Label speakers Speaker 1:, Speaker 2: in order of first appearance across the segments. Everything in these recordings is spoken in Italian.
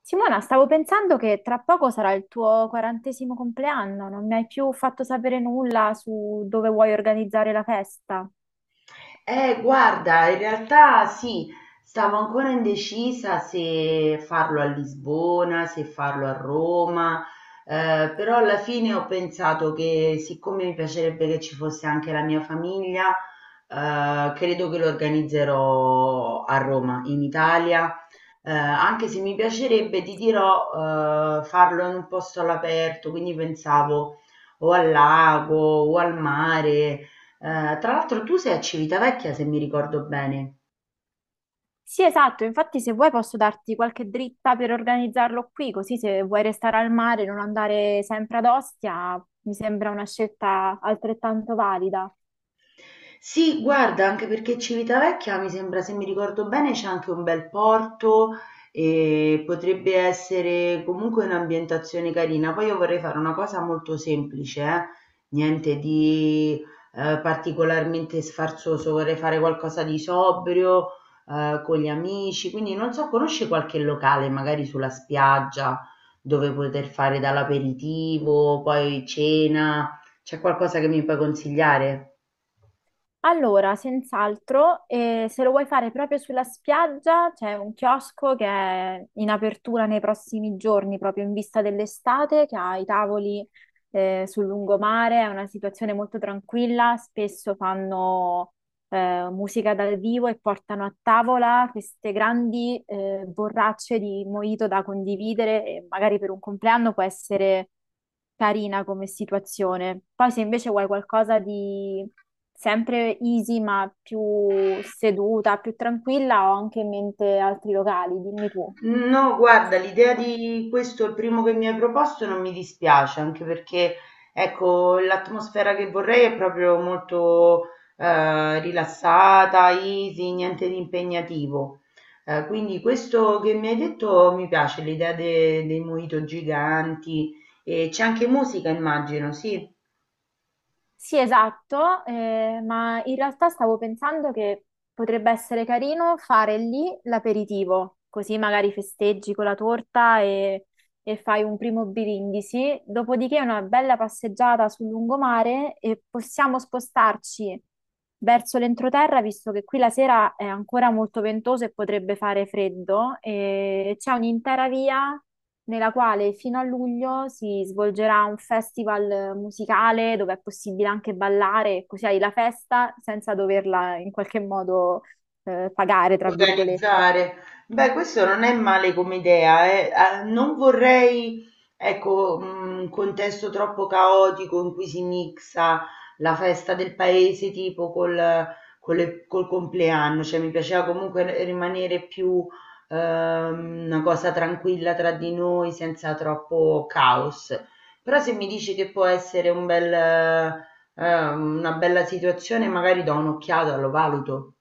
Speaker 1: Simona, stavo pensando che tra poco sarà il tuo quarantesimo compleanno, non mi hai più fatto sapere nulla su dove vuoi organizzare la festa.
Speaker 2: Guarda, in realtà sì, stavo ancora indecisa se farlo a Lisbona, se farlo a Roma, però alla fine ho pensato che siccome mi piacerebbe che ci fosse anche la mia famiglia, credo che lo organizzerò a Roma, in Italia, anche se mi piacerebbe, ti dirò, farlo in un posto all'aperto, quindi pensavo o al lago o al mare. Tra l'altro tu sei a Civitavecchia, se mi ricordo bene.
Speaker 1: Sì, esatto, infatti se vuoi posso darti qualche dritta per organizzarlo qui, così se vuoi restare al mare e non andare sempre ad Ostia, mi sembra una scelta altrettanto valida.
Speaker 2: Sì, guarda, anche perché Civitavecchia mi sembra, se mi ricordo bene, c'è anche un bel porto e potrebbe essere comunque un'ambientazione carina. Poi io vorrei fare una cosa molto semplice, niente di particolarmente sfarzoso, vorrei fare qualcosa di sobrio, con gli amici, quindi non so, conosci qualche locale, magari sulla spiaggia, dove poter fare dall'aperitivo, poi cena, c'è qualcosa che mi puoi consigliare?
Speaker 1: Allora, senz'altro, se lo vuoi fare proprio sulla spiaggia, c'è un chiosco che è in apertura nei prossimi giorni, proprio in vista dell'estate, che ha i tavoli, sul lungomare, è una situazione molto tranquilla, spesso fanno musica dal vivo e portano a tavola queste grandi borracce di mojito da condividere e magari per un compleanno può essere carina come situazione. Poi se invece vuoi qualcosa di sempre easy ma più seduta, più tranquilla, ho anche in mente altri locali, dimmi tu.
Speaker 2: No, guarda, l'idea di questo, il primo che mi hai proposto, non mi dispiace, anche perché, ecco, l'atmosfera che vorrei è proprio molto rilassata, easy, niente di impegnativo. Quindi questo che mi hai detto mi piace, l'idea dei mojito giganti e c'è anche musica, immagino, sì.
Speaker 1: Sì, esatto, ma in realtà stavo pensando che potrebbe essere carino fare lì l'aperitivo, così magari festeggi con la torta e fai un primo birindisi, dopodiché una bella passeggiata sul lungomare e possiamo spostarci verso l'entroterra, visto che qui la sera è ancora molto ventoso e potrebbe fare freddo, e c'è un'intera via nella quale fino a luglio si svolgerà un festival musicale dove è possibile anche ballare, così hai la festa senza doverla in qualche modo pagare, tra virgolette.
Speaker 2: Organizzare. Beh, questo non è male come idea, eh. Ah, non vorrei, ecco, un contesto troppo caotico in cui si mixa la festa del paese tipo col compleanno, cioè mi piaceva comunque rimanere più una cosa tranquilla tra di noi senza troppo caos. Però se mi dici che può essere una bella situazione, magari do un'occhiata, lo valuto.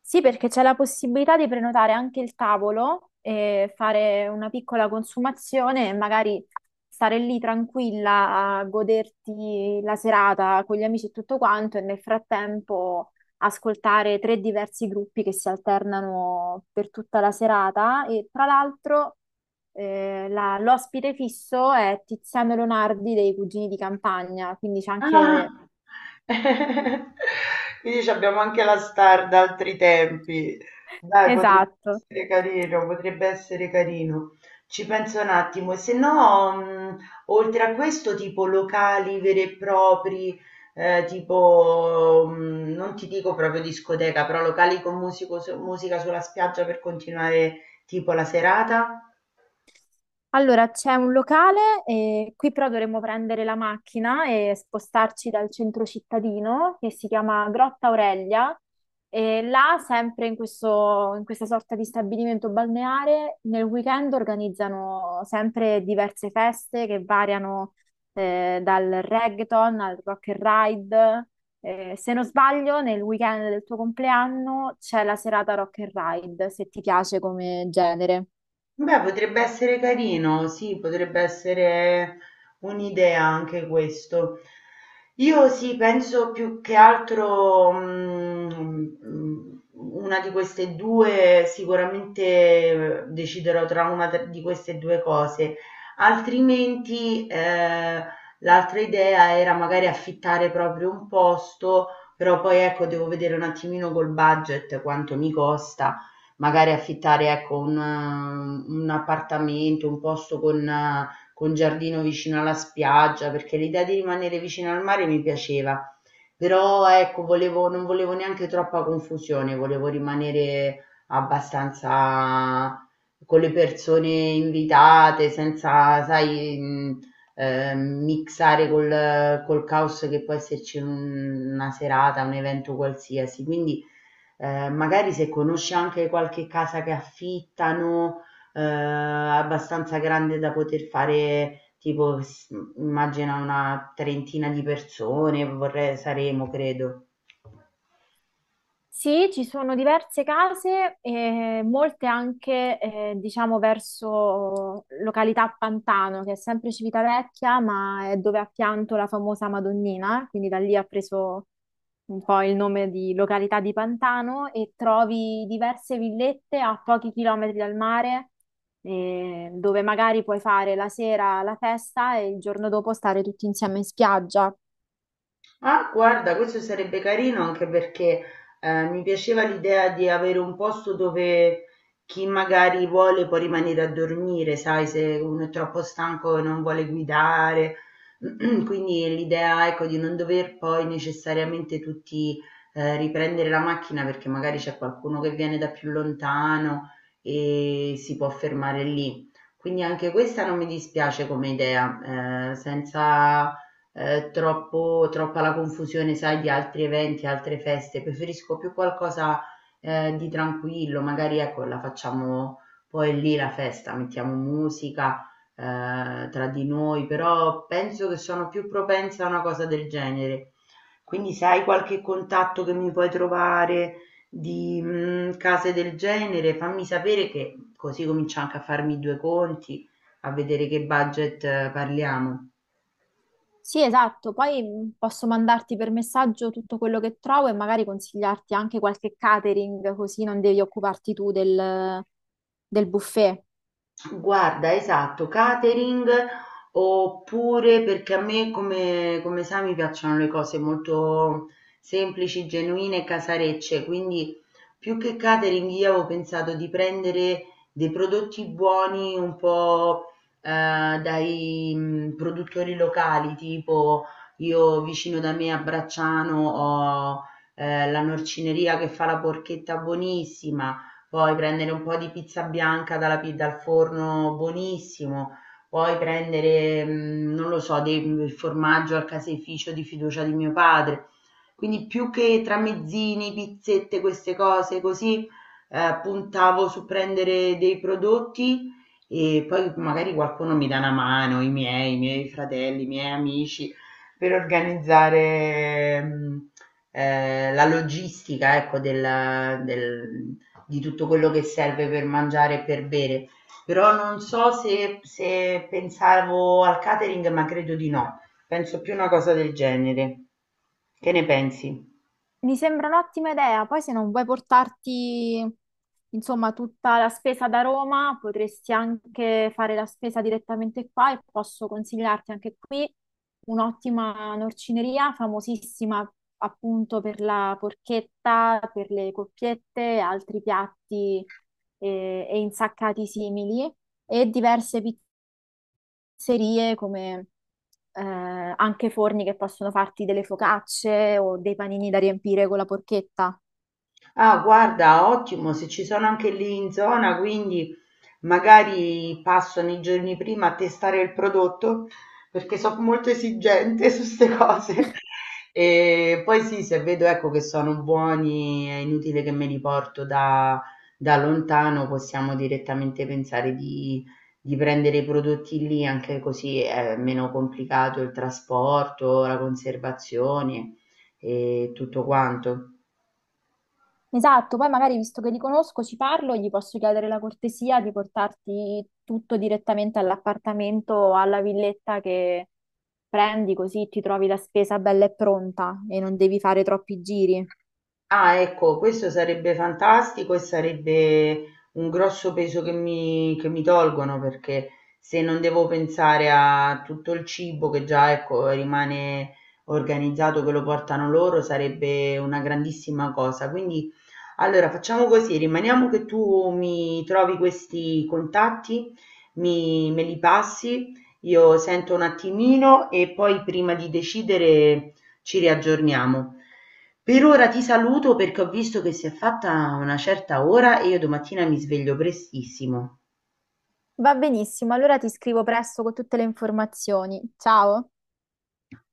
Speaker 1: Sì, perché c'è la possibilità di prenotare anche il tavolo e fare una piccola consumazione e magari stare lì tranquilla a goderti la serata con gli amici e tutto quanto e nel frattempo ascoltare tre diversi gruppi che si alternano per tutta la serata e tra l'altro l'ospite fisso è Tiziano Leonardi dei Cugini di Campagna, quindi c'è anche...
Speaker 2: Ah! Quindi c'abbiamo anche la star da altri tempi. Dai, potrebbe
Speaker 1: Esatto.
Speaker 2: essere carino, potrebbe essere carino. Ci penso un attimo. E se no, oltre a questo, tipo locali veri e propri, tipo, non ti dico proprio discoteca, però locali con musica sulla spiaggia per continuare tipo la serata.
Speaker 1: Allora, c'è un locale, qui però dovremmo prendere la macchina e spostarci dal centro cittadino che si chiama Grotta Aurelia. E là, sempre in questa sorta di stabilimento balneare, nel weekend organizzano sempre diverse feste che variano dal reggaeton al rock and ride. Se non sbaglio, nel weekend del tuo compleanno c'è la serata rock and ride, se ti piace come genere.
Speaker 2: Beh, potrebbe essere carino, sì, potrebbe essere un'idea anche questo. Io sì, penso più che altro una di queste due, sicuramente deciderò tra di queste due cose, altrimenti l'altra idea era magari affittare proprio un posto, però poi ecco, devo vedere un attimino col budget quanto mi costa magari affittare ecco un appartamento, un posto con giardino vicino alla spiaggia, perché l'idea di rimanere vicino al mare mi piaceva. Però ecco, non volevo neanche troppa confusione, volevo rimanere abbastanza con le persone invitate, senza, sai, mixare col caos che può esserci in una serata, un evento qualsiasi. Quindi magari se conosci anche qualche casa che affittano, abbastanza grande da poter fare, tipo, immagina una trentina di persone, vorrei, saremo, credo.
Speaker 1: Sì, ci sono diverse case, molte anche, diciamo, verso località Pantano, che è sempre Civitavecchia, ma è dove ha pianto la famosa Madonnina, quindi da lì ha preso un po' il nome di località di Pantano e trovi diverse villette a pochi chilometri dal mare, dove magari puoi fare la sera la festa e il giorno dopo stare tutti insieme in spiaggia.
Speaker 2: Ah, guarda, questo sarebbe carino anche perché mi piaceva l'idea di avere un posto dove chi magari vuole può rimanere a dormire, sai, se uno è troppo stanco e non vuole guidare. Quindi l'idea, ecco, di non dover poi necessariamente tutti riprendere la macchina perché magari c'è qualcuno che viene da più lontano e si può fermare lì. Quindi anche questa non mi dispiace come idea, senza troppa la confusione, sai, di altri eventi, altre feste. Preferisco più qualcosa di tranquillo, magari ecco, la facciamo poi lì la festa, mettiamo musica tra di noi, però penso che sono più propensa a una cosa del genere. Quindi se hai qualche contatto che mi puoi trovare di case del genere, fammi sapere che così comincio anche a farmi due conti, a vedere che budget parliamo.
Speaker 1: Sì, esatto, poi posso mandarti per messaggio tutto quello che trovo e magari consigliarti anche qualche catering, così non devi occuparti tu del buffet.
Speaker 2: Guarda, esatto, catering oppure perché a me come sai mi piacciono le cose molto semplici, genuine e casarecce, quindi più che catering io avevo pensato di prendere dei prodotti buoni un po' dai produttori locali, tipo io vicino da me a Bracciano ho la norcineria che fa la porchetta buonissima. Puoi prendere un po' di pizza bianca dal forno, buonissimo. Puoi prendere, non lo so, il formaggio al caseificio di fiducia di mio padre. Quindi più che tramezzini, pizzette, queste cose così, puntavo su prendere dei prodotti e poi magari qualcuno mi dà una mano, i miei fratelli, i miei amici per organizzare la logistica, ecco, di tutto quello che serve per mangiare e per bere. Però non so se pensavo al catering, ma credo di no. Penso più una cosa del genere. Che ne pensi?
Speaker 1: Mi sembra un'ottima idea, poi se non vuoi portarti, insomma, tutta la spesa da Roma, potresti anche fare la spesa direttamente qua e posso consigliarti anche qui un'ottima norcineria famosissima appunto per la porchetta, per le coppiette, altri piatti e insaccati simili e diverse pizzerie come anche forni che possono farti delle focacce o dei panini da riempire con la porchetta.
Speaker 2: Ah, guarda, ottimo, se ci sono anche lì in zona, quindi magari passo nei giorni prima a testare il prodotto perché sono molto esigente su queste cose. E poi sì, se vedo ecco che sono buoni, è inutile che me li porto da lontano, possiamo direttamente pensare di prendere i prodotti lì, anche così è meno complicato il trasporto, la conservazione e tutto quanto.
Speaker 1: Esatto, poi magari visto che li conosco, ci parlo, gli posso chiedere la cortesia di portarti tutto direttamente all'appartamento o alla villetta che prendi, così ti trovi la spesa bella e pronta e non devi fare troppi giri.
Speaker 2: Ah, ecco, questo sarebbe fantastico e sarebbe un grosso peso che mi tolgono perché se non devo pensare a tutto il cibo che già, ecco, rimane organizzato, che lo portano loro, sarebbe una grandissima cosa. Quindi allora facciamo così, rimaniamo che tu mi trovi questi contatti, me li passi, io sento un attimino e poi prima di decidere ci riaggiorniamo. Per ora ti saluto perché ho visto che si è fatta una certa ora e io domattina mi sveglio prestissimo.
Speaker 1: Va benissimo, allora ti scrivo presto con tutte le informazioni. Ciao!